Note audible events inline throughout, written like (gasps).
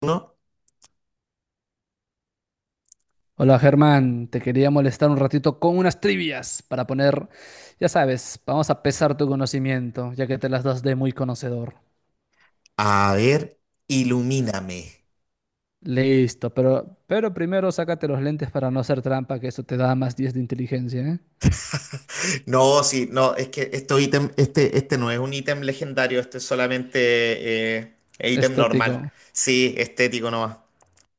Uno. Hola Germán, te quería molestar un ratito con unas trivias para poner, ya sabes, vamos a pesar tu conocimiento, ya que te las das de muy conocedor. A ver, ilumíname. Listo, pero primero sácate los lentes para no hacer trampa, que eso te da más diez de inteligencia, ¿eh? No, sí, no, es que esto ítem, este no es un ítem legendario, este es solamente ítem Estético. normal. Sí, estético nomás.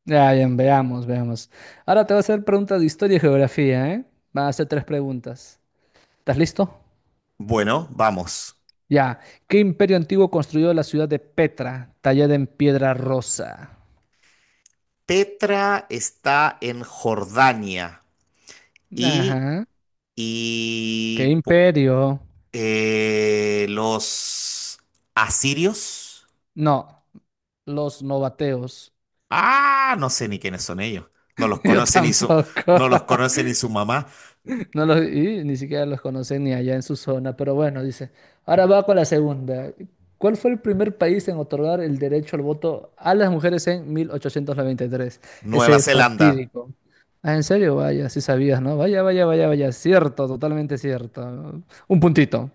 Ya, bien, veamos, veamos. Ahora te voy a hacer preguntas de historia y geografía, ¿eh? Van a hacer tres preguntas. ¿Estás listo? Bueno, vamos. Ya. ¿Qué imperio antiguo construyó la ciudad de Petra, tallada en piedra rosa? Petra está en Jordania y, Ajá. ¿Qué y po- imperio? Los asirios. No, los novateos. Ah, no sé ni quiénes son ellos. No los (laughs) Yo conoce ni su, tampoco. no los conoce (laughs) ni su mamá. No los, y ni siquiera los conocen ni allá en su zona, pero bueno, dice. Ahora va con la segunda. ¿Cuál fue el primer país en otorgar el derecho al voto a las mujeres en 1893? Nueva Ese Zelanda. fatídico. Ah, ¿en serio? Vaya, sí sabías, ¿no? Vaya, vaya, vaya, vaya. Cierto, totalmente cierto. Un puntito.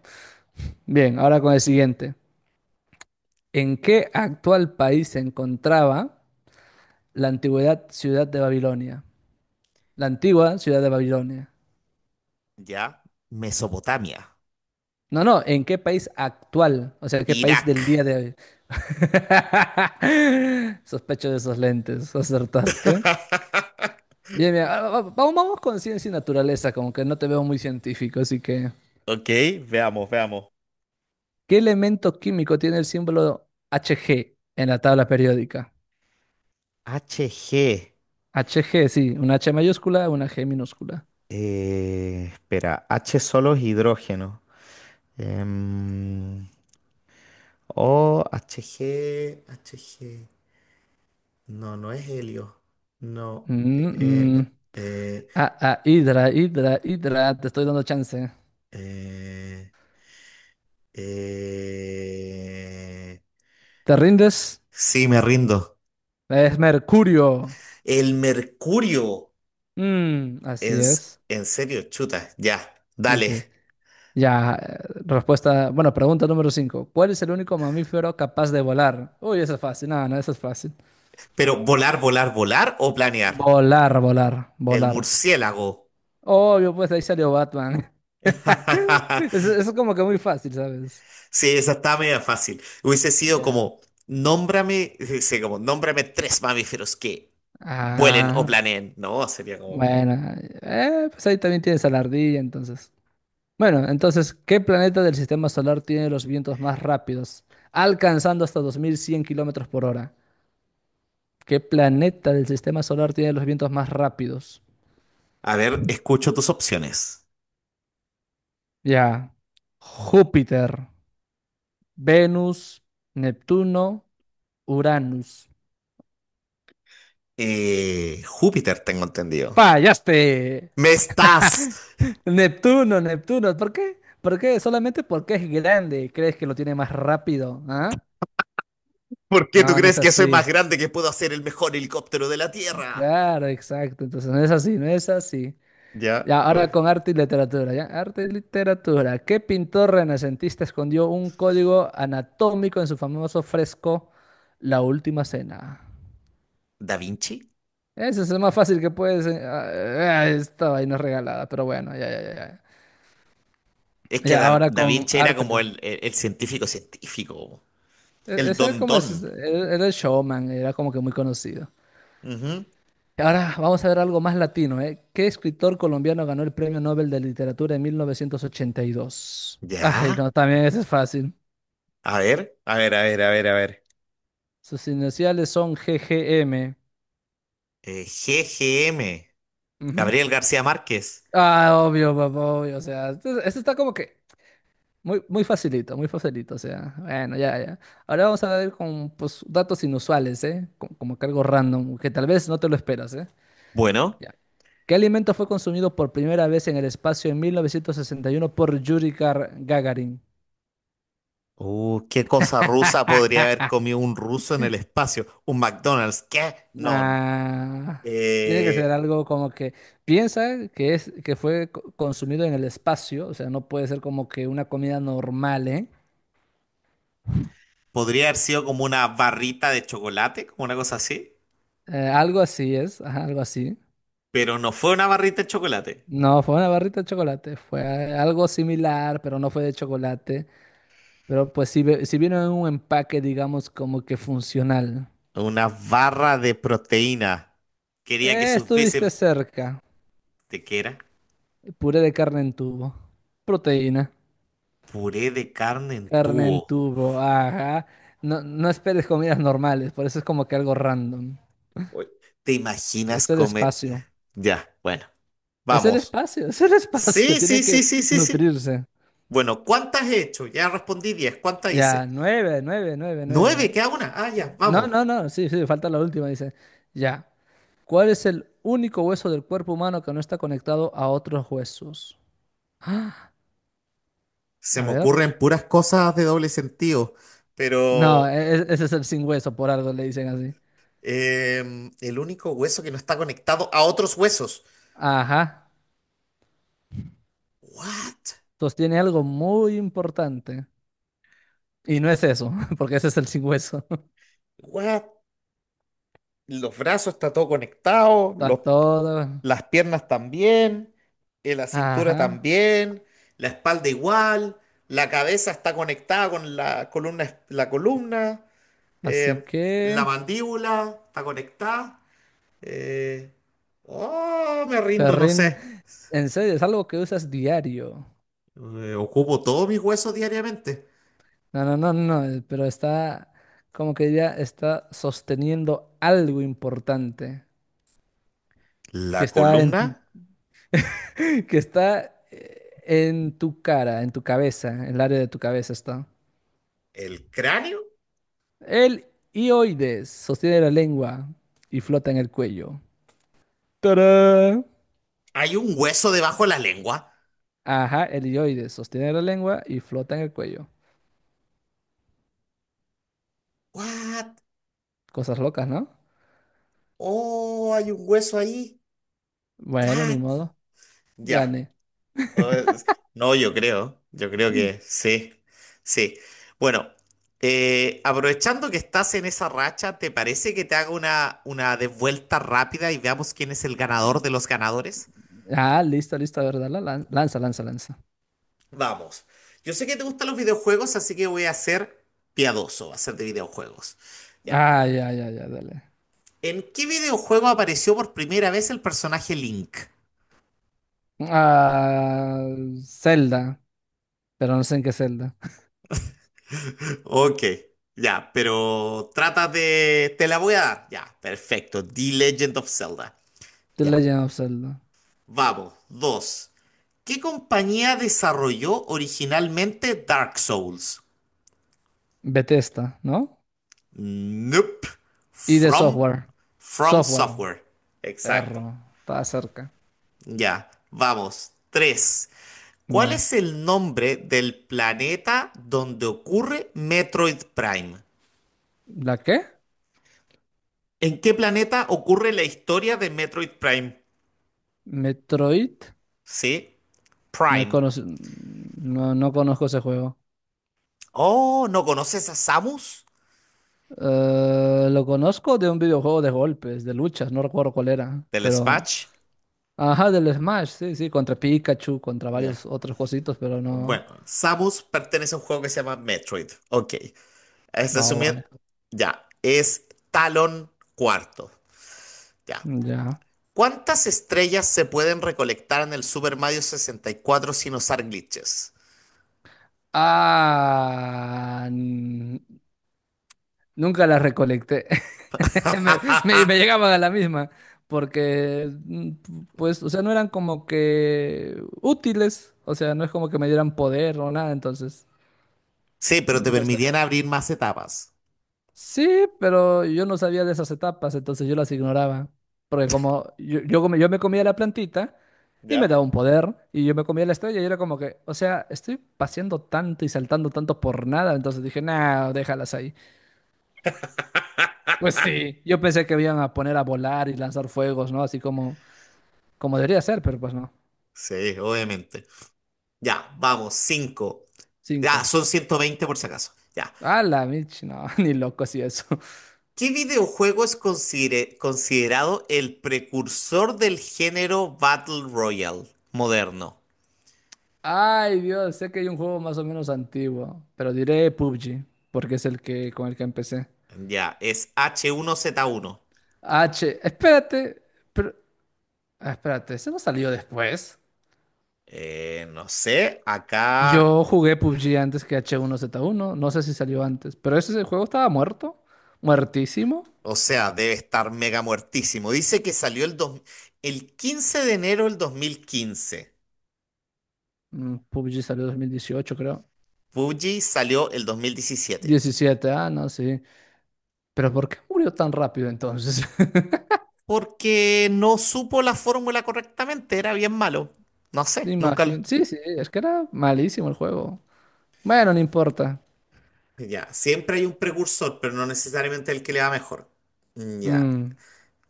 Bien, ahora con el siguiente. ¿En qué actual país se encontraba la antigüedad ciudad de Babilonia? La antigua ciudad de Babilonia. ¿Ya? Mesopotamia. No, no, ¿en qué país actual? O sea, ¿qué país del Irak. día de hoy? (laughs) Sospecho de esos lentes, acertaste. (laughs) Bien, bien, ah, vamos, vamos con ciencia y naturaleza, como que no te veo muy científico, así que... Ok, veamos, veamos. ¿Qué elemento químico tiene el símbolo Hg en la tabla periódica? HG. Hg, sí, una H mayúscula, una G minúscula. Espera, H solo es hidrógeno. Em, o HG, HG. No, no es helio. No. Mm, mm. Eh, Ah, ah, hidra, hidra, hidra, te estoy dando chance. eh, eh, eh, ¿Te rindes? Sí, me rindo. Es mercurio. El mercurio. Mm, así es. En serio, chuta. Ya, dale. Dice, ya, respuesta, bueno, pregunta número 5. ¿Cuál es el único mamífero capaz de volar? Uy, eso es fácil, no, no, eso es fácil. Pero volar, volar, volar o planear. Volar, volar, El volar. murciélago. Obvio, pues ahí salió Batman. (laughs) (laughs) Eso es como que muy fácil, ¿sabes? Sí, esa estaba media fácil. Hubiese sido Ya. como, nómbrame, sí, sí, como, nómbrame tres mamíferos que vuelen o Ah, planeen. No, sería como, bueno, pues ahí también tienes a la ardilla, entonces. Bueno, entonces, ¿qué planeta del sistema solar tiene los vientos más rápidos, alcanzando hasta 2100 km/h? ¿Qué planeta del sistema solar tiene los vientos más rápidos? a ver, escucho tus opciones. Ya. Júpiter, Venus, Neptuno, Uranus. Júpiter, tengo entendido. ¡Fallaste! ¿Me estás? Neptuno, Neptuno. ¿Por qué? ¿Por qué? Solamente porque es grande. ¿Crees que lo tiene más rápido? ¿Ah? ¿Por qué tú No, no es crees que soy más así. grande que puedo hacer el mejor helicóptero de la Tierra? Claro, exacto. Entonces no es así, no es así. Ya, Ya, ahora oye. con arte y literatura, ¿ya? Arte y literatura. ¿Qué pintor renacentista escondió un código anatómico en su famoso fresco La Última Cena? ¿Da Vinci? Ese es el más fácil que puedes... esta vaina es regalada, pero bueno, ya, ya, ya. Ya, Es que Ya, ahora Da con Vinci era arte. como Leo. El científico científico. El Ese era don como... don. Era el showman, era como que muy conocido. Ujú. Y ahora vamos a ver algo más latino, ¿eh? ¿Qué escritor colombiano ganó el Premio Nobel de Literatura en 1982? Ay, Ya. no, también ese es fácil. A ver, a ver, a ver, a ver, a ver. Sus iniciales son GGM. G G M, Ujú. Gabriel García Márquez. Ah, obvio, papá, obvio. O sea, esto está como que muy, muy facilito, muy facilito. O sea, bueno, ya, ya. Ahora vamos a ver con pues, datos inusuales, ¿eh? Como, que algo random, que tal vez no te lo esperas, ¿eh? Bueno. Ya. ¿Qué alimento fue consumido por primera vez en el espacio en 1961 por Yuri Gagarin? ¿Qué cosa (laughs) rusa podría haber comido un ruso en el espacio? ¿Un McDonald's? ¿Qué? No. Nah, tiene que ser Eh, algo como que piensa que es que fue consumido en el espacio, o sea, no puede ser como que una comida normal, ¿eh? Podría haber sido como una barrita de chocolate, como una cosa así. Algo así es, ajá, algo así. Pero no fue una barrita de chocolate. No, fue una barrita de chocolate, fue algo similar, pero no fue de chocolate. Pero pues si, si vino en un empaque, digamos, como que funcional. Una barra de proteína. Quería que sus Estuviste bíceps... cerca. ¿De qué era? Puré de carne en tubo. Proteína. Puré de carne en Carne tubo. en tubo, ajá. No, no esperes comidas normales, por eso es como que algo random. Oye, ¿te imaginas Es el comer? espacio. Ya, bueno, Es el vamos. espacio, (laughs) es el espacio. Sí, Tiene sí, que sí, sí, sí, sí. nutrirse. Bueno, ¿cuántas he hecho? Ya respondí 10. ¿Cuántas hice? Ya, nueve, nueve, nueve, Nueve, nueve. queda una. Ah, ya, No, vamos. no, no, sí, sí, falta la última, dice. Ya. ¿Cuál es el único hueso del cuerpo humano que no está conectado a otros huesos? (gasps) Ah, Se a me ver. ocurren puras cosas de doble sentido, pero No, ese es el sin hueso, por algo le dicen así. El único hueso que no está conectado a otros huesos. Ajá. What? Entonces tiene algo muy importante. Y no es eso, (laughs) porque ese es el sin hueso. (laughs) What? Los brazos está todo conectado, Está los todo. las piernas también, la cintura Ajá. también, la espalda igual, la cabeza está conectada con la columna, la columna, Así eh, la que. mandíbula está conectada. eh, oh, me rindo, no Perrin. sé. En serio, es algo que usas diario. Ocupo todos mis huesos diariamente. No, no, no, no. Pero está. Como que ya está sosteniendo algo importante. Que La está en tu. columna, (laughs) Que está en tu cara, en tu cabeza. En el área de tu cabeza está. el cráneo, El hioides sostiene la lengua y flota en el cuello. ¡Tarán! hay un hueso debajo de la lengua. Ajá, helioides, sostiene la lengua y flota en el cuello. What? Cosas locas, ¿no? Oh, hay un hueso ahí. Bueno, ni Tat. modo. Ya. Gane. Pues, no, yo creo Mm. que sí, sí. Bueno, aprovechando que estás en esa racha, ¿te parece que te haga una devuelta rápida y veamos quién es el ganador de los ganadores? Ah, listo, listo, a ver, dale, lanza, lanza, lanza. Vamos, yo sé que te gustan los videojuegos, así que voy a ser piadoso, va a ser de videojuegos. Ya, Ah, ya, ya, ya, dale. ¿en qué videojuego apareció por primera vez el personaje Link? Ah, Zelda, pero no sé en qué Zelda. (laughs) Ok, ya, pero trata de... Te la voy a dar. Ya, perfecto. The Legend of Zelda. The Ya. Legend of Zelda. Vamos, dos. ¿Qué compañía desarrolló originalmente Dark Souls? Bethesda, ¿no? Nope. Y de From, software. From Software, Software. Exacto. perro, estaba cerca. Ya, vamos. Tres. ¿Cuál Ya. es el nombre del planeta donde ocurre Metroid Prime? ¿La qué? ¿En qué planeta ocurre la historia de Metroid Prime? Metroid. Sí, No he Prime. conoc- No, no conozco ese juego. Oh, ¿no conoces a Samus? Lo conozco de un videojuego de golpes, de luchas, no recuerdo cuál era, Del pero... Smash. Ajá, del Smash, sí, sí, contra Pikachu, contra Ya. varios otros cositos, pero no... Bueno, Samus pertenece a un juego que se llama Metroid. Ok. Es No, vaya. resumir, ya, es Talon cuarto. Ya. Ya. ¿Cuántas estrellas se pueden recolectar en el Super Mario 64 sin usar glitches? Ah, nunca las recolecté. (laughs) Me (laughs) llegaban a la misma, porque, pues, o sea, no eran como que útiles, o sea, no es como que me dieran poder o nada, entonces... Sí, pero te las permitían dejaba. abrir más etapas. Sí, pero yo no sabía de esas etapas, entonces yo las ignoraba. Porque como yo me comía la plantita y me ¿Ya? daba un poder, y yo me comía la estrella y era como que, o sea, estoy paseando tanto y saltando tanto por nada, entonces dije, nah, déjalas ahí. Pues sí, yo pensé que iban a poner a volar y lanzar fuegos, ¿no? Así como, como debería ser, pero pues no. Sí, obviamente. Ya, vamos, 5. Ya, Cinco. son 120 por si acaso. Ya. A la mich, no, (laughs) ni loco si eso. ¿Qué videojuego es considerado el precursor del género Battle Royale moderno? Ay, Dios, sé que hay un juego más o menos antiguo, pero diré PUBG, porque es el que con el que empecé. Ya, es H1Z1. Espérate, pero, espérate, ¿ese no salió después? No sé, acá, Yo jugué PUBG antes que H1Z1, no sé si salió antes, pero ese juego estaba muerto, muertísimo. o sea, debe estar mega muertísimo. Dice que salió el 15 de enero del 2015. PUBG salió en 2018, creo. PUBG salió el 2017. Diecisiete no, sí. Pero ¿por qué murió tan rápido entonces? (laughs) Porque no supo la fórmula correctamente, era bien malo. No sé, nunca lo... Imagen. Sí, sí, es que era malísimo el juego. Bueno, no importa. Ya, siempre hay un precursor, pero no necesariamente el que le va mejor. Mm, ya, Mm,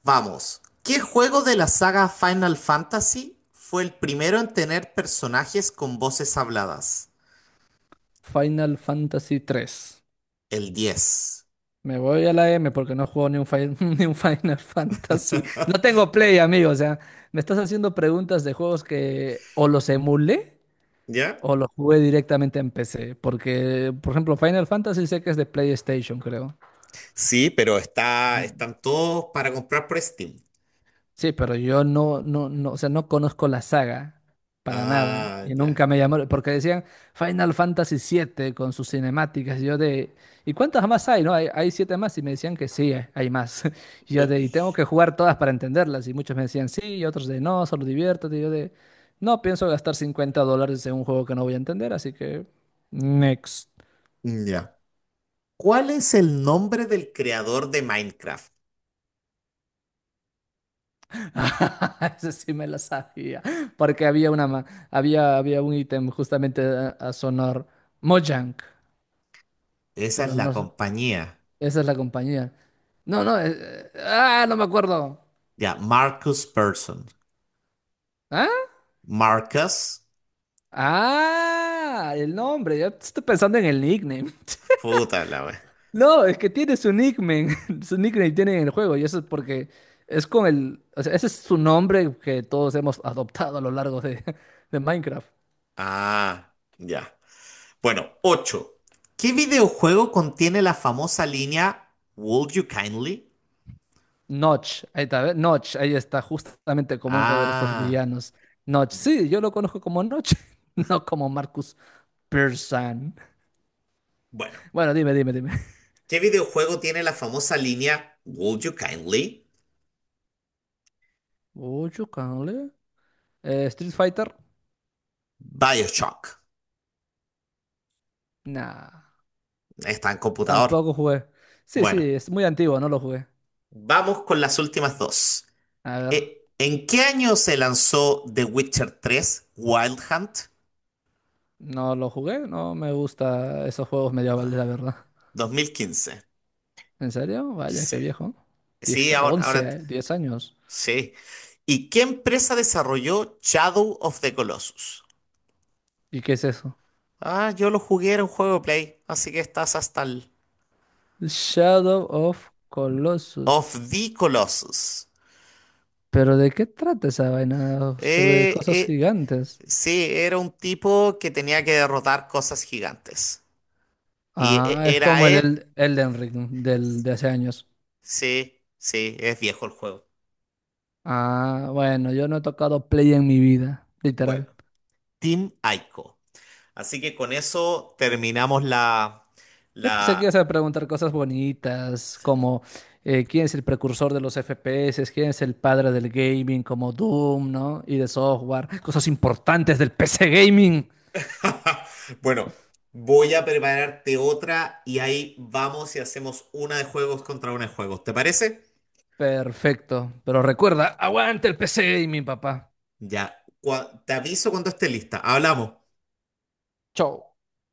vamos. ¿Qué juego de la saga Final Fantasy fue el primero en tener personajes con voces habladas? Final Fantasy 3. El diez. Me voy a la M porque no juego ni un, (laughs) ni un Final Fantasy. No tengo Play, amigo. O sea, me estás haciendo preguntas de juegos que o los emulé ¿Ya? o los jugué directamente en PC. Porque, por ejemplo, Final Fantasy sé que es de PlayStation, creo. Sí, pero está, están todos para comprar por Steam. Sí, pero yo no, o sea, no conozco la saga para nada Ah, y ya. nunca me llamó, porque decían Final Fantasy siete con sus cinemáticas, y yo de, ¿y cuántas más hay? ¿No? Hay siete más y me decían que sí, hay más. (laughs) Y yo de, y (laughs) tengo que jugar todas para entenderlas y muchos me decían sí y otros de, no, solo diviértete, y yo de, no pienso gastar $50 en un juego que no voy a entender, así que next. Mm, ya. ¿Cuál es el nombre del creador de Minecraft? (laughs) Ese sí me la sabía, porque había un ítem justamente a sonor Mojang, Esa es pero no, la compañía. esa es la compañía. No, no, no me acuerdo. Ya, Marcus Person. ¿Ah? Marcus. Ah, el nombre, yo estoy pensando en el nickname. (laughs) Puta la wea. No, es que tiene su nickname, (laughs) su nickname tiene en el juego, y eso es porque es con el, o sea, ese es su nombre que todos hemos adoptado a lo largo de, (laughs) de Minecraft. Ah, ya. Bueno, 8. ¿Qué videojuego contiene la famosa línea Would you kindly? Notch, ahí está, ¿ve? Notch, ahí está, justamente como uno de los dos Ah, villanos. Notch, sí, yo lo conozco como Notch, (laughs) no como Marcus Pearson. bueno. Bueno, dime, dime, dime. ¿Qué videojuego tiene la famosa línea Would you kindly? Ocho, cale. Street Fighter, BioShock. nah, Está en tampoco computador. jugué. Sí, sí, Bueno, es muy antiguo, no lo jugué. vamos con las últimas dos. A ver, ¿En qué año se lanzó The Witcher 3 Wild Hunt? no lo jugué, no me gusta esos juegos medievales, la Ah, verdad. 2015. ¿En serio? Vaya, qué Sí. viejo. Sí, 10, ahora, 11 ahora 10 años. sí. ¿Y qué empresa desarrolló Shadow of the Colossus? ¿Y qué es eso? Ah, yo lo jugué, era un juego de Play, así que estás hasta el... Shadow of Colossus. Of the Colossus. ¿Pero de qué trata esa vaina? ¿Sobre Eh, cosas eh, gigantes? sí, era un tipo que tenía que derrotar cosas gigantes. Ah, es Era como él... el Elden Ring de hace años. Sí, sí, es viejo el juego. Ah, bueno, yo no he tocado Play en mi vida, literal. Bueno, Team Ico. Así que con eso terminamos la... Yo pensé que ibas la... a preguntar cosas bonitas, como quién es el precursor de los FPS, quién es el padre del gaming, como Doom, ¿no? Y de software, cosas importantes del PC gaming. (laughs) Bueno, voy a prepararte otra y ahí vamos y hacemos una de juegos contra una de juegos. ¿Te parece? Perfecto, pero recuerda, aguante el PC gaming, papá. Ya, te aviso cuando esté lista. Hablamos. Chau.